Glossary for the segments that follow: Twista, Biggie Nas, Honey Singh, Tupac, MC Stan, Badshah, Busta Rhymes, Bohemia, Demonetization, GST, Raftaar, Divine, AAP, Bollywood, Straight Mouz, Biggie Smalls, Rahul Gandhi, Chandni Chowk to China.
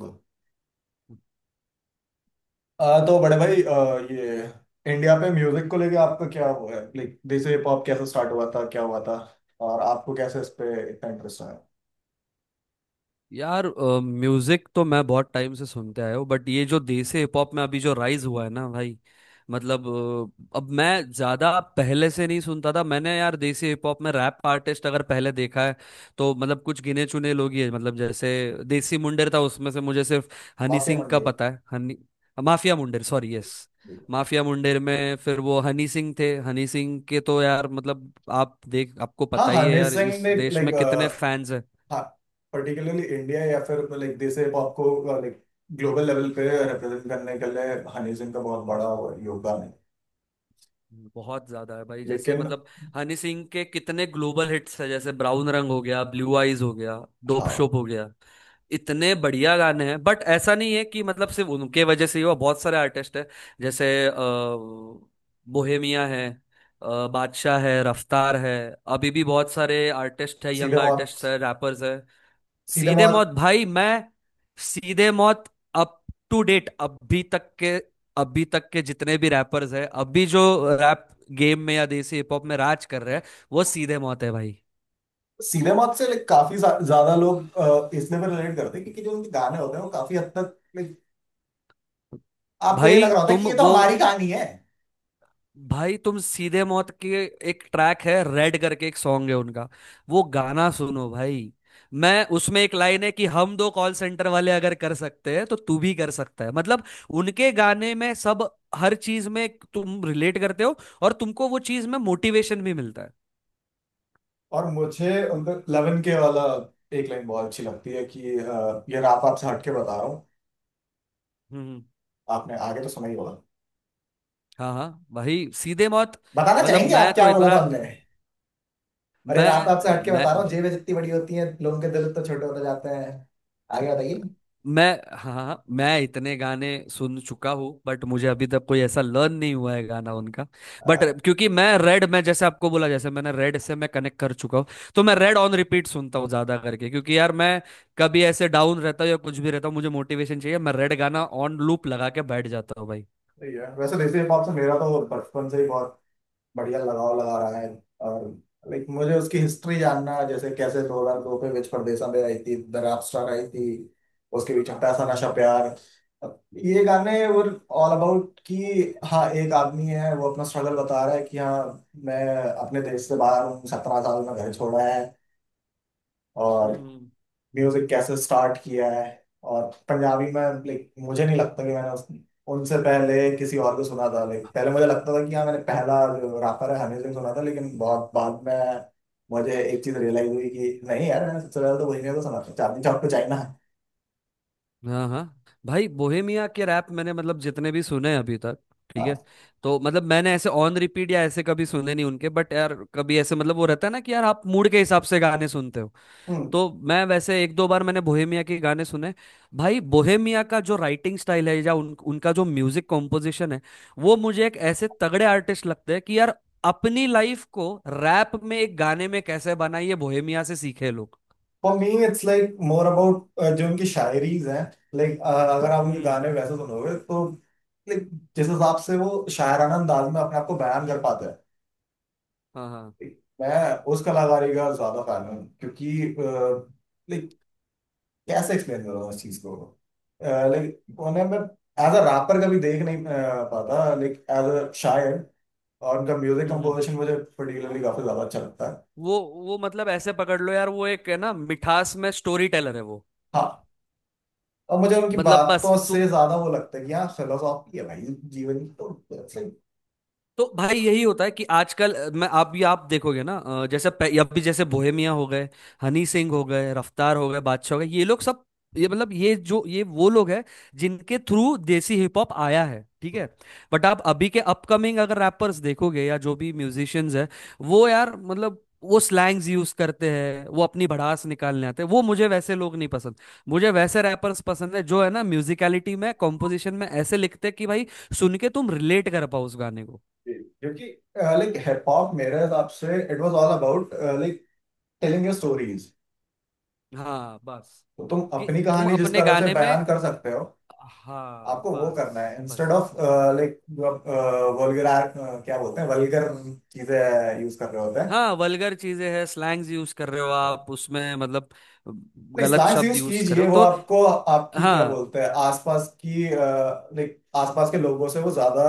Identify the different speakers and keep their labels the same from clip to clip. Speaker 1: आ, तो बड़े भाई ये इंडिया पे म्यूजिक को लेके आपका क्या हुआ है लाइक जैसे हिप हॉप कैसे स्टार्ट हुआ था क्या हुआ था और आपको कैसे इस पे इतना इंटरेस्ट आया।
Speaker 2: यार म्यूजिक तो मैं बहुत टाइम से सुनते आया हूँ बट ये जो देसी हिप हॉप में अभी जो राइज हुआ है ना भाई। मतलब अब मैं ज्यादा पहले से नहीं सुनता था। मैंने यार देसी हिप हॉप में रैप आर्टिस्ट अगर पहले देखा है तो मतलब कुछ गिने चुने लोग ही है। मतलब जैसे देसी मुंडेर था, उसमें से मुझे सिर्फ हनी
Speaker 1: माफिया
Speaker 2: सिंह
Speaker 1: मंडी
Speaker 2: का
Speaker 1: है।
Speaker 2: पता है। Honey Mafia Mundeer, sorry, yes. Mafia Mundeer में फिर वो हनी सिंह थे। हनी सिंह के तो यार मतलब आप देख, आपको
Speaker 1: हाँ
Speaker 2: पता ही है
Speaker 1: हनी
Speaker 2: यार
Speaker 1: सिंह
Speaker 2: इस
Speaker 1: ने
Speaker 2: देश
Speaker 1: लाइक
Speaker 2: में कितने फैंस हैं।
Speaker 1: हाँ पर्टिकुलरली इंडिया या फिर लाइक जैसे हिप हॉप को लाइक ग्लोबल लेवल पे रिप्रेजेंट करने के लिए हनी सिंह का बहुत बड़ा वो है, योगदान है।
Speaker 2: बहुत ज्यादा है भाई, जैसे
Speaker 1: लेकिन
Speaker 2: मतलब हनी सिंह के कितने ग्लोबल हिट्स है, जैसे ब्राउन रंग हो गया, ब्लू आइज हो गया, डोप
Speaker 1: हाँ
Speaker 2: शोप हो गया। इतने बढ़िया गाने हैं बट ऐसा नहीं है कि मतलब सिर्फ उनके वजह से ही हुआ, बहुत सारे आर्टिस्ट हैं। जैसे बोहेमिया है, बादशाह है, रफ्तार है। अभी भी बहुत सारे आर्टिस्ट है,
Speaker 1: सीधे
Speaker 2: यंग
Speaker 1: मौत।
Speaker 2: आर्टिस्ट है, रैपर्स है।
Speaker 1: सीधे
Speaker 2: सीधे मौत
Speaker 1: मौत।
Speaker 2: भाई। मैं Seedhe Maut up to date, अभी तक के जितने भी रैपर्स हैं अभी जो रैप गेम में या देसी हिप हॉप में राज कर रहे हैं, वो सीधे मौत है भाई।
Speaker 1: सीधे मौत से लाइक काफी ज्यादा लोग इसलिए भी रिलेट करते हैं क्योंकि जो उनके गाने होते हैं वो काफी हद तक like, आपको ये
Speaker 2: भाई
Speaker 1: लग रहा होता है
Speaker 2: तुम
Speaker 1: कि ये तो
Speaker 2: वो
Speaker 1: हमारी कहानी है।
Speaker 2: भाई तुम सीधे मौत के एक ट्रैक है रेड करके, एक सॉन्ग है उनका। वो गाना सुनो भाई। मैं उसमें एक लाइन है कि हम दो कॉल सेंटर वाले अगर कर सकते हैं तो तू भी कर सकता है। मतलब उनके गाने में सब, हर चीज में तुम रिलेट करते हो और तुमको वो चीज में मोटिवेशन भी मिलता है।
Speaker 1: और मुझे उनका लेवन के वाला एक लाइन बहुत अच्छी लगती है कि ये रात आपसे हटके बता रहा हूँ।
Speaker 2: हम्म।
Speaker 1: आपने आगे तो सुना ही होगा।
Speaker 2: हाँ हाँ भाई, सीधे मौत।
Speaker 1: बताना
Speaker 2: मतलब
Speaker 1: चाहेंगे
Speaker 2: मैं
Speaker 1: आप
Speaker 2: तो
Speaker 1: क्या बोला
Speaker 2: इतना।
Speaker 1: था हमने। और ये रात आपसे
Speaker 2: मैं
Speaker 1: हटके
Speaker 2: मैं
Speaker 1: बता रहा हूँ जेबें जितनी बड़ी होती हैं लोगों के दिल तो छोटे होते जाते हैं। आगे बताइए।
Speaker 2: मैं हाँ हाँ, मैं इतने गाने सुन चुका हूँ बट मुझे अभी तक कोई ऐसा लर्न नहीं हुआ है गाना उनका। बट
Speaker 1: अ,
Speaker 2: क्योंकि मैं रेड में जैसे आपको बोला, जैसे मैंने रेड से मैं कनेक्ट कर चुका हूँ। तो मैं रेड ऑन रिपीट सुनता हूँ ज्यादा करके, क्योंकि यार मैं कभी ऐसे डाउन रहता हूँ या कुछ भी रहता हूँ, मुझे मोटिवेशन चाहिए, मैं रेड गाना ऑन लूप लगा के बैठ जाता हूँ भाई।
Speaker 1: सही है। वैसे देसी हिप हॉप से मेरा तो बचपन से ही बहुत बढ़िया लगाव लगा रहा है। और लाइक मुझे उसकी हिस्ट्री जानना जैसे कैसे 2002 में विच परदेसा में आई थी द रैप स्टार आई थी। उसके भी छोटा सा नशा
Speaker 2: हम्म,
Speaker 1: प्यार। अब ये गाने वो ऑल अबाउट कि हाँ एक आदमी है वो अपना स्ट्रगल बता रहा है कि हाँ मैं अपने देश से बाहर हूँ 17 साल में घर छोड़ा है। और
Speaker 2: हम्म।
Speaker 1: म्यूजिक कैसे स्टार्ट किया है। और पंजाबी में लाइक मुझे नहीं लगता कि मैंने उनसे पहले किसी और को सुना था। लाइक पहले मुझे लगता था कि हाँ मैंने पहला जो रैपर है हनी सिंह सुना था लेकिन बहुत बाद में मुझे एक चीज रियलाइज हुई कि नहीं यार मैंने सबसे पहले तो वही ने तो सुना था चांदनी चौक टू चाइना।
Speaker 2: हाँ हाँ भाई, बोहेमिया के रैप मैंने मतलब जितने भी सुने हैं अभी तक, ठीक है। तो मतलब मैंने ऐसे ऑन रिपीट या ऐसे कभी सुने नहीं उनके, बट यार कभी ऐसे मतलब वो रहता है ना कि यार आप मूड के हिसाब से गाने सुनते हो। तो मैं वैसे एक दो बार मैंने बोहेमिया के गाने सुने। भाई बोहेमिया का जो राइटिंग स्टाइल है या उनका जो म्यूजिक कॉम्पोजिशन है, वो मुझे एक ऐसे तगड़े आर्टिस्ट लगते हैं कि यार अपनी लाइफ को रैप में, एक गाने में कैसे बनाइए, बोहेमिया से सीखे लोग।
Speaker 1: For me it's like more about जो उनकी शायरीज हैं। लाइक अगर आप उनके
Speaker 2: हम्म।
Speaker 1: गाने वैसे सुनोगे तो लाइक जिस हिसाब से वो शायराना अंदाज में अपने आप को बयान कर पाते हैं।
Speaker 2: हाँ हाँ।
Speaker 1: मैं उस कलाकारी का ज्यादा फैन हूँ क्योंकि लाइक कैसे एक्सप्लेन करूँ उस चीज को। लाइक उन्हें मैं एज अ रैपर कभी देख नहीं पाता। लाइक एज अ शायर। और उनका म्यूजिक
Speaker 2: हम्म, हम्म।
Speaker 1: कंपोजिशन मुझे पर्टिकुलरली काफी ज्यादा अच्छा लगता है।
Speaker 2: वो वो मतलब ऐसे पकड़ लो यार, वो एक है ना मिठास में स्टोरी टेलर है वो।
Speaker 1: हाँ और मुझे उनकी
Speaker 2: मतलब बस
Speaker 1: बातों
Speaker 2: तुम।
Speaker 1: से ज्यादा वो लगता है कि हाँ फिलोसॉफी है भाई जीवन की तो it's like-
Speaker 2: तो भाई यही होता है कि आजकल मैं आप भी आप देखोगे ना, जैसे अब भी जैसे बोहेमिया हो गए, हनी सिंह हो गए, रफ्तार हो गए, बादशाह हो गए, ये लोग सब। ये मतलब ये जो ये वो लोग हैं जिनके थ्रू देसी हिप हॉप आया है, ठीक है। बट आप अभी के अपकमिंग अगर रैपर्स देखोगे या जो भी म्यूजिशियंस हैं, वो यार मतलब वो स्लैंग्स यूज करते हैं, वो अपनी भड़ास निकालने आते हैं, वो मुझे वैसे लोग नहीं पसंद। मुझे वैसे रैपर्स पसंद है जो है ना म्यूजिकलिटी में, कॉम्पोजिशन में ऐसे लिखते हैं कि भाई सुन के तुम रिलेट कर पाओ उस गाने को।
Speaker 1: क्योंकि लाइक हिप हॉप मेरे हिसाब से it was all about like telling your stories.
Speaker 2: हाँ बस,
Speaker 1: तो तुम
Speaker 2: कि
Speaker 1: अपनी
Speaker 2: तुम
Speaker 1: कहानी जिस
Speaker 2: अपने
Speaker 1: तरह से
Speaker 2: गाने में,
Speaker 1: बयान कर सकते हो
Speaker 2: हाँ
Speaker 1: आपको वो करना
Speaker 2: बस
Speaker 1: है इंस्टेड
Speaker 2: बस।
Speaker 1: ऑफ लाइक जो आप वल्गर क्या बोलते हैं वल्गर चीजें यूज कर रहे होते हैं।
Speaker 2: हाँ वल्गर चीजें हैं, स्लैंग्स यूज कर रहे हो आप उसमें, मतलब
Speaker 1: नहीं
Speaker 2: गलत
Speaker 1: स्लैंग्स
Speaker 2: शब्द
Speaker 1: यूज
Speaker 2: यूज कर रहे
Speaker 1: कीजिए
Speaker 2: हो
Speaker 1: वो
Speaker 2: तो।
Speaker 1: आपको आपकी क्या
Speaker 2: हाँ।
Speaker 1: बोलते हैं आसपास की लाइक आसपास के लोगों से वो ज्यादा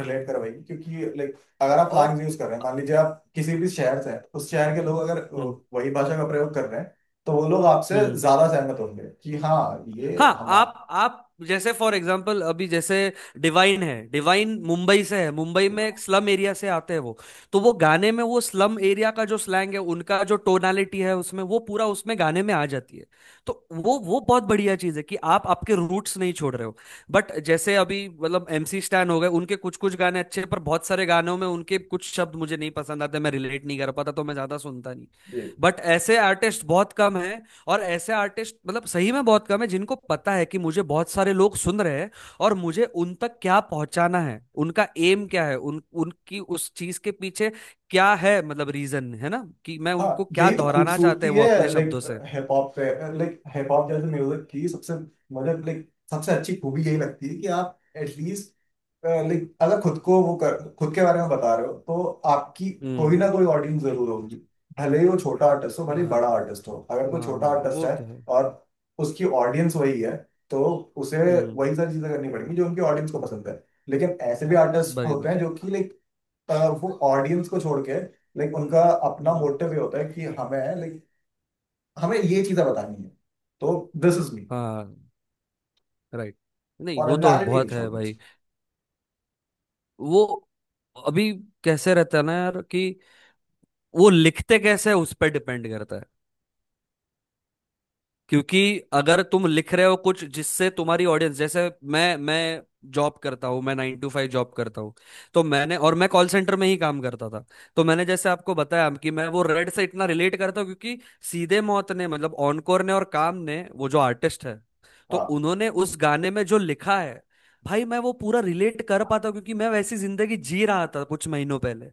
Speaker 1: रिलेट करवाएगी क्योंकि लाइक अगर आप
Speaker 2: और।
Speaker 1: स्लैंग्स यूज कर रहे हैं मान लीजिए आप किसी भी शहर से हैं उस शहर के लोग अगर
Speaker 2: हम्म।
Speaker 1: वही भाषा का प्रयोग कर रहे हैं तो वो लोग आपसे
Speaker 2: हम्म।
Speaker 1: ज्यादा सहमत होंगे कि हाँ ये
Speaker 2: हाँ,
Speaker 1: हम
Speaker 2: आप जैसे फॉर एग्जांपल, अभी जैसे डिवाइन है, डिवाइन मुंबई से है, मुंबई में एक स्लम एरिया से आते हैं वो। तो वो गाने में वो स्लम एरिया का जो स्लैंग है, उनका जो टोनालिटी है, उसमें वो पूरा उसमें गाने में आ जाती है। तो वो बहुत बढ़िया चीज़ है कि आप आपके रूट्स नहीं छोड़ रहे हो। बट जैसे अभी मतलब एमसी स्टैन हो गए, उनके कुछ कुछ गाने अच्छे हैं, पर बहुत सारे गानों में उनके कुछ शब्द मुझे नहीं पसंद आते, मैं रिलेट नहीं कर पाता तो मैं ज्यादा सुनता नहीं।
Speaker 1: ये।
Speaker 2: बट ऐसे आर्टिस्ट बहुत कम है। और ऐसे आर्टिस्ट मतलब सही में बहुत कम है जिनको पता है कि मुझे बहुत सारे लोग सुन रहे हैं, और मुझे उन तक क्या पहुंचाना है, उनका एम क्या है, उन उनकी उस चीज के पीछे क्या है, मतलब रीजन है ना, कि मैं उनको
Speaker 1: हाँ
Speaker 2: क्या
Speaker 1: यही तो
Speaker 2: दोहराना चाहते
Speaker 1: खूबसूरती
Speaker 2: हैं वो
Speaker 1: है।
Speaker 2: अपने
Speaker 1: लाइक
Speaker 2: शब्दों से।
Speaker 1: हिप हॉप पे लाइक हिप हॉप जैसे म्यूजिक की सबसे मतलब लाइक सबसे अच्छी खूबी यही लगती है कि आप एटलीस्ट लाइक अगर खुद को वो कर खुद के बारे में बता रहे हो तो आपकी कोई ना
Speaker 2: हम्म।
Speaker 1: कोई ऑडियंस जरूर होगी। भले ही वो छोटा आर्टिस्ट हो भले ही बड़ा
Speaker 2: हाँ
Speaker 1: आर्टिस्ट हो अगर कोई छोटा
Speaker 2: हाँ,
Speaker 1: आर्टिस्ट
Speaker 2: वो
Speaker 1: है
Speaker 2: तो है।
Speaker 1: और उसकी ऑडियंस वही है तो उसे
Speaker 2: हम्म।
Speaker 1: वही सारी चीजें करनी पड़ेंगी जो उनकी ऑडियंस को पसंद है। लेकिन ऐसे भी आर्टिस्ट होते
Speaker 2: बराबर।
Speaker 1: हैं जो कि लाइक अ, वो ऑडियंस को छोड़ के लाइक उनका अपना
Speaker 2: हम्म।
Speaker 1: मोटिव ये होता है कि हमें लाइक हमें ये चीजें बतानी है। तो दिस इज मी।
Speaker 2: हाँ, राइट। नहीं वो तो
Speaker 1: ओरिजिनलिटी नहीं
Speaker 2: बहुत है
Speaker 1: छोड़नी
Speaker 2: भाई।
Speaker 1: चाहिए।
Speaker 2: वो अभी कैसे रहता है ना यार, कि वो लिखते कैसे है, उस पर डिपेंड करता है। क्योंकि अगर तुम लिख रहे हो कुछ जिससे तुम्हारी ऑडियंस, जैसे मैं जॉब करता हूँ, मैं 9 to 5 जॉब करता हूँ। तो मैंने, और मैं कॉल सेंटर में ही काम करता था। तो मैंने जैसे आपको बताया कि मैं वो रेड से इतना रिलेट करता हूँ क्योंकि सीधे मौत ने, मतलब ऑनकोर ने और काम ने, वो जो आर्टिस्ट है, तो
Speaker 1: हाँ
Speaker 2: उन्होंने उस गाने में जो लिखा है, भाई मैं वो पूरा रिलेट कर पाता हूँ क्योंकि मैं वैसी जिंदगी जी रहा था कुछ महीनों पहले।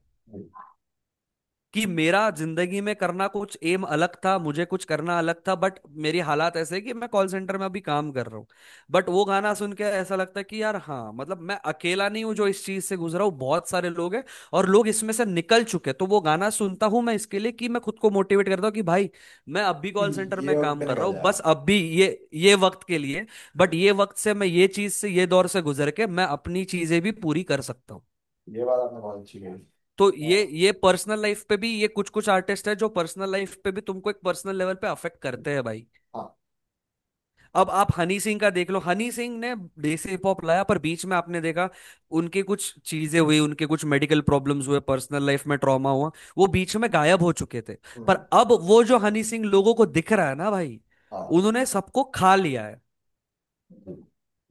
Speaker 2: कि मेरा जिंदगी में करना कुछ एम अलग था, मुझे कुछ करना अलग था, बट मेरी हालात ऐसे है कि मैं कॉल सेंटर में अभी काम कर रहा हूँ। बट वो गाना सुन के ऐसा लगता है कि यार, हाँ मतलब मैं अकेला नहीं हूँ जो इस चीज से गुजरा हूँ, बहुत सारे लोग हैं, और लोग इसमें से निकल चुके हैं। तो वो गाना सुनता हूँ मैं इसके लिए, कि मैं खुद को मोटिवेट करता हूँ कि भाई मैं अब भी
Speaker 1: ये
Speaker 2: कॉल सेंटर में
Speaker 1: ये वक्त
Speaker 2: काम
Speaker 1: पे
Speaker 2: कर रहा
Speaker 1: निकल
Speaker 2: हूँ, बस
Speaker 1: जाएगा।
Speaker 2: अब भी ये वक्त के लिए। बट ये वक्त से मैं ये चीज से, ये दौर से गुजर के, मैं अपनी चीजें भी पूरी कर सकता हूँ।
Speaker 1: ये बात आपने बहुत अच्छी कही।
Speaker 2: तो
Speaker 1: हाँ।
Speaker 2: ये पर्सनल लाइफ पे भी, ये कुछ कुछ आर्टिस्ट है जो पर्सनल लाइफ पे भी तुमको एक पर्सनल लेवल पे अफेक्ट करते हैं भाई।
Speaker 1: हाँ।
Speaker 2: अब आप हनी सिंह का देख लो, हनी सिंह ने देसी हिप हॉप लाया, पर बीच में आपने देखा उनके कुछ चीजें हुई, उनके कुछ मेडिकल प्रॉब्लम्स हुए, पर्सनल लाइफ में ट्रॉमा हुआ, वो बीच में गायब हो चुके थे। पर
Speaker 1: हम्म,
Speaker 2: अब वो जो हनी सिंह लोगों को दिख रहा है ना भाई,
Speaker 1: हाँ
Speaker 2: उन्होंने सबको खा लिया है।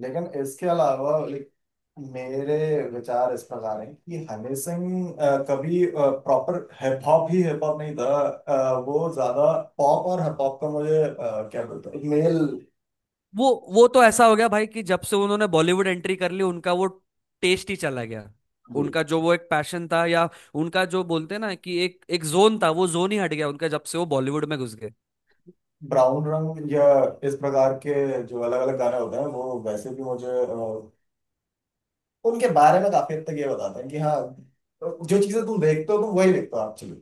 Speaker 1: लेकिन इसके अलावा लाइक मेरे विचार इस प्रकार हैं कि हनी सिंह कभी प्रॉपर हिप हॉप ही हिप हॉप नहीं था। वो ज्यादा पॉप और हिप हॉप का मुझे क्या बोलते हैं मेल
Speaker 2: वो तो ऐसा हो गया भाई कि जब से उन्होंने बॉलीवुड एंट्री कर ली, उनका वो टेस्ट ही चला गया।
Speaker 1: ये
Speaker 2: उनका जो वो एक पैशन था, या उनका जो बोलते हैं ना कि एक एक जोन था, वो जोन ही हट गया उनका, जब से वो बॉलीवुड में घुस गए।
Speaker 1: ब्राउन रंग या इस प्रकार के जो अलग अलग गाने होते हैं वो वैसे भी मुझे उनके बारे में काफी हद तक ये बताते हैं कि हाँ जो चीजें तुम देखते हो तुम वही देखते हो एक्चुअली।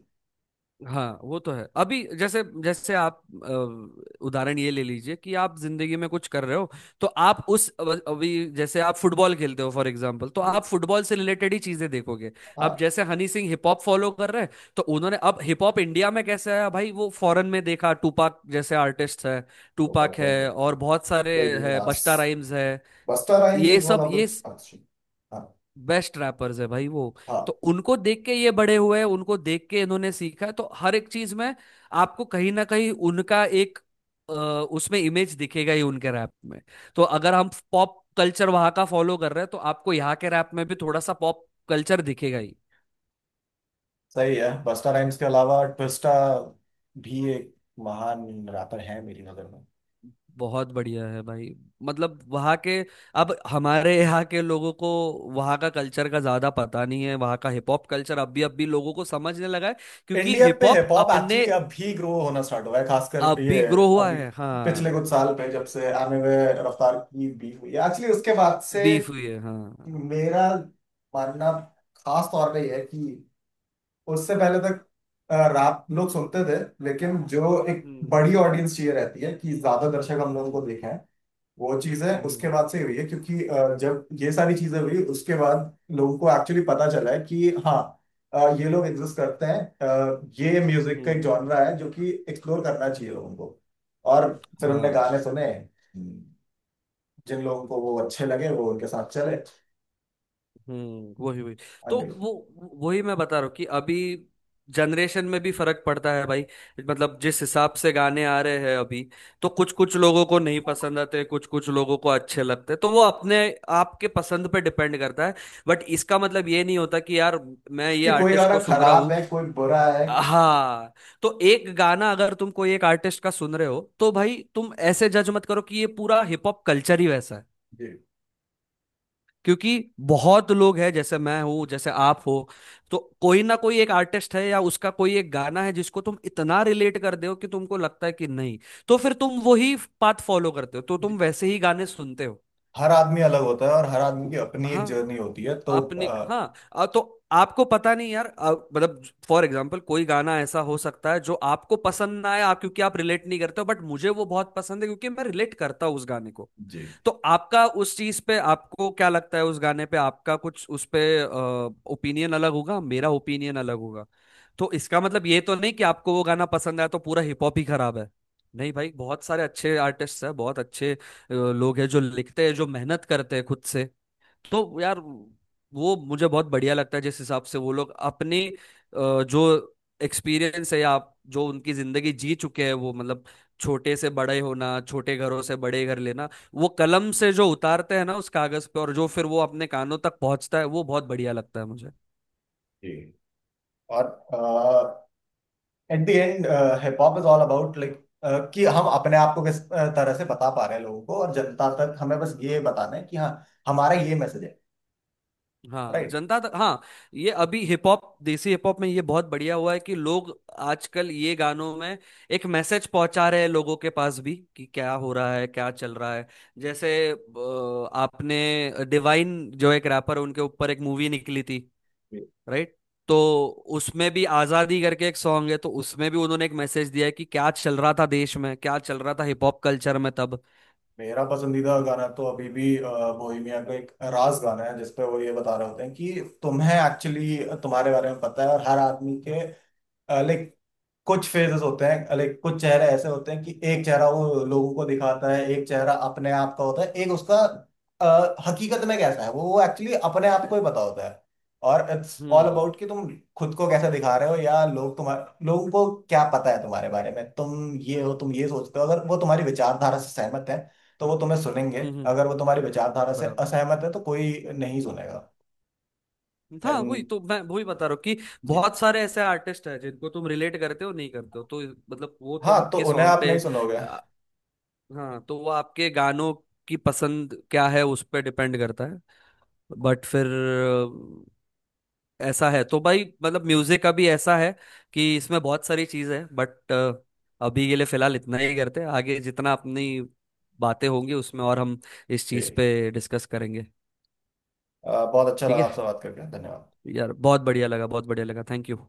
Speaker 2: हाँ वो तो है, अभी जैसे जैसे आप उदाहरण ये ले लीजिए कि आप जिंदगी में कुछ कर रहे हो, तो आप उस अभी जैसे आप फुटबॉल खेलते हो फॉर एग्जांपल, तो आप फुटबॉल से रिलेटेड ही चीजें देखोगे। अब
Speaker 1: हाँ
Speaker 2: जैसे Honey Singh hip hop follow कर रहे हैं, तो उन्होंने अब हिप हॉप इंडिया में कैसे आया भाई, वो फॉरेन में देखा, टूपाक जैसे आर्टिस्ट है, टूपाक है
Speaker 1: तो
Speaker 2: और बहुत सारे
Speaker 1: बेगी
Speaker 2: है,
Speaker 1: नास
Speaker 2: बस्ता राइम्स है।
Speaker 1: बस्टर राइम्स
Speaker 2: ये
Speaker 1: वाज वन
Speaker 2: सब ये
Speaker 1: ऑफ द।
Speaker 2: बेस्ट रैपर्स है भाई वो।
Speaker 1: हाँ
Speaker 2: तो उनको देख के ये बड़े हुए हैं, उनको देख के इन्होंने सीखा है, तो हर एक चीज में आपको कहीं ना कहीं उनका एक अ, उसमें इमेज दिखेगा ही उनके रैप में। तो अगर हम पॉप कल्चर वहां का फॉलो कर रहे हैं तो आपको यहाँ के रैप में भी थोड़ा सा पॉप कल्चर दिखेगा ही।
Speaker 1: सही है। बस्ता राइम्स के अलावा ट्विस्टा भी एक महान रैपर है मेरी नजर में।
Speaker 2: बहुत बढ़िया है भाई। मतलब वहाँ के, अब हमारे यहाँ के लोगों को वहाँ का कल्चर का ज्यादा पता नहीं है, वहाँ का हिप हॉप कल्चर अब भी लोगों को समझने लगा है। क्योंकि
Speaker 1: इंडिया
Speaker 2: हिप
Speaker 1: पे हिप
Speaker 2: हॉप
Speaker 1: हॉप
Speaker 2: अपने
Speaker 1: एक्चुअली अब भी ग्रो होना स्टार्ट हुआ है खासकर
Speaker 2: अब भी
Speaker 1: ये
Speaker 2: ग्रो हुआ
Speaker 1: अभी
Speaker 2: है।
Speaker 1: पिछले
Speaker 2: हाँ।
Speaker 1: कुछ साल पे जब से आने में रफ्तार की बीफ हुई है एक्चुअली उसके बाद से
Speaker 2: बीफ हुई है, हाँ।
Speaker 1: मेरा मानना खास तौर पे ये है कि उससे पहले तक रैप लोग सुनते थे लेकिन जो एक
Speaker 2: हम्म।
Speaker 1: बड़ी ऑडियंस चाहिए रहती है कि ज्यादा दर्शक हम लोगों
Speaker 2: हम्म।
Speaker 1: को देखें वो चीजें
Speaker 2: हम्म।
Speaker 1: उसके बाद से हुई है क्योंकि जब ये सारी चीजें हुई उसके बाद लोगों को एक्चुअली पता चला है कि हाँ ये लोग एग्जिस्ट करते हैं। ये म्यूजिक का एक
Speaker 2: हम्म।
Speaker 1: जॉनरा है जो कि एक्सप्लोर करना चाहिए लोगों को। और फिर उनने
Speaker 2: हाँ।
Speaker 1: गाने सुने जिन लोगों को वो अच्छे लगे वो उनके साथ चले
Speaker 2: हम्म। वही वही। तो
Speaker 1: अन्य लोग
Speaker 2: वो वही मैं बता रहा हूँ कि अभी जनरेशन में भी फर्क पड़ता है भाई। मतलब जिस हिसाब से गाने आ रहे हैं अभी, तो कुछ कुछ लोगों को नहीं पसंद आते, कुछ कुछ लोगों को अच्छे लगते, तो वो अपने आपके पसंद पे डिपेंड करता है। बट इसका मतलब ये नहीं होता कि यार मैं ये
Speaker 1: कि कोई
Speaker 2: आर्टिस्ट
Speaker 1: गाना
Speaker 2: को सुन रहा
Speaker 1: खराब
Speaker 2: हूँ।
Speaker 1: है कोई बुरा है।
Speaker 2: हाँ, तो एक गाना अगर तुम कोई एक आर्टिस्ट का सुन रहे हो तो भाई तुम ऐसे जज मत करो कि ये पूरा हिप हॉप कल्चर ही वैसा है।
Speaker 1: जी
Speaker 2: क्योंकि बहुत लोग हैं, जैसे मैं हूँ, जैसे आप हो। तो कोई ना कोई एक आर्टिस्ट है या उसका कोई एक गाना है जिसको तुम इतना रिलेट कर दो कि तुमको लगता है कि नहीं, तो फिर तुम वही पाथ फॉलो करते हो, तो तुम वैसे ही गाने सुनते हो।
Speaker 1: हर आदमी अलग होता है और हर आदमी की अपनी एक
Speaker 2: हाँ
Speaker 1: जर्नी होती है तो
Speaker 2: अपने, हाँ, तो आपको पता नहीं यार, मतलब फॉर एग्जांपल कोई गाना ऐसा हो सकता है जो आपको पसंद ना आए, आप क्योंकि आप रिलेट नहीं करते हो, बट मुझे वो बहुत पसंद है क्योंकि मैं रिलेट करता हूँ उस गाने को।
Speaker 1: जी।
Speaker 2: तो आपका उस चीज पे, आपको क्या लगता है उस गाने पे, आपका कुछ उस पे ओपिनियन अलग होगा, मेरा ओपिनियन अलग होगा। तो इसका मतलब ये तो नहीं कि आपको वो गाना पसंद आया तो पूरा हिप हॉप ही खराब है। नहीं भाई, बहुत सारे अच्छे आर्टिस्ट हैं, बहुत अच्छे लोग हैं जो लिखते हैं, जो मेहनत करते हैं खुद से। तो यार वो मुझे बहुत बढ़िया लगता है जिस हिसाब से वो लोग अपने जो एक्सपीरियंस है, या आप जो उनकी जिंदगी जी चुके हैं वो, मतलब छोटे से बड़े होना, छोटे घरों से बड़े घर लेना, वो कलम से जो उतारते हैं ना उस कागज पे, और जो फिर वो अपने कानों तक पहुंचता है, वो बहुत बढ़िया लगता है मुझे।
Speaker 1: जी और at the end hip hop is all about like कि हम अपने आप को किस तरह से बता पा रहे हैं लोगों को और जनता तक हमें बस ये बताना है कि हाँ हमारा ये मैसेज है।
Speaker 2: हाँ,
Speaker 1: राइट
Speaker 2: जनता तक, हाँ। ये अभी hip hop, desi hip hop में ये बहुत बढ़िया हुआ है कि लोग आजकल ये गानों में एक मैसेज पहुंचा रहे हैं लोगों के पास भी कि क्या हो रहा है, क्या चल रहा है। जैसे आपने डिवाइन जो एक रैपर, उनके ऊपर एक मूवी निकली थी, राइट। तो उसमें भी आजादी करके एक सॉन्ग है, तो उसमें भी उन्होंने एक मैसेज दिया है कि क्या चल रहा था देश में, क्या चल रहा था हिप हॉप कल्चर में तब।
Speaker 1: मेरा पसंदीदा गाना तो अभी भी बोहेमिया का एक राज गाना है जिसपे वो ये बता रहे होते हैं कि तुम्हें एक्चुअली तुम्हारे बारे में पता है और हर आदमी के लाइक कुछ फेजेस होते हैं लाइक कुछ चेहरे ऐसे होते हैं कि एक चेहरा वो लोगों को दिखाता है एक चेहरा अपने आप का होता है एक उसका हकीकत में कैसा है वो एक्चुअली अपने आप को ही पता होता है। और इट्स ऑल
Speaker 2: हम्म।
Speaker 1: अबाउट कि तुम खुद को कैसे दिखा रहे हो या लोग तुम्हारे लोगों को क्या पता है तुम्हारे बारे में तुम ये हो तुम ये सोचते हो अगर वो तुम्हारी विचारधारा से सहमत है तो वो तुम्हें सुनेंगे
Speaker 2: हम्म।
Speaker 1: अगर वो तुम्हारी विचारधारा से
Speaker 2: बराबर।
Speaker 1: असहमत है तो कोई नहीं सुनेगा।
Speaker 2: था वही,
Speaker 1: एंड
Speaker 2: तो मैं वही बता रहा हूँ कि
Speaker 1: जी
Speaker 2: बहुत सारे ऐसे आर्टिस्ट हैं जिनको तुम रिलेट करते हो नहीं करते हो तो मतलब वो तो
Speaker 1: हाँ तो
Speaker 2: आपके
Speaker 1: उन्हें
Speaker 2: सॉन्ग
Speaker 1: आप
Speaker 2: पे।
Speaker 1: नहीं सुनोगे।
Speaker 2: आ, हाँ, तो वो आपके गानों की पसंद क्या है, उस पर डिपेंड करता है। बट फिर ऐसा है, तो भाई मतलब म्यूजिक अभी ऐसा है कि इसमें बहुत सारी चीज है, बट अभी के लिए फिलहाल इतना ही करते हैं, आगे जितना अपनी बातें होंगी उसमें और हम इस
Speaker 1: जी
Speaker 2: चीज पे डिस्कस करेंगे।
Speaker 1: बहुत अच्छा
Speaker 2: ठीक
Speaker 1: लगा
Speaker 2: है।
Speaker 1: आपसे बात करके धन्यवाद।
Speaker 2: यार बहुत बढ़िया लगा, बहुत बढ़िया लगा, थैंक यू।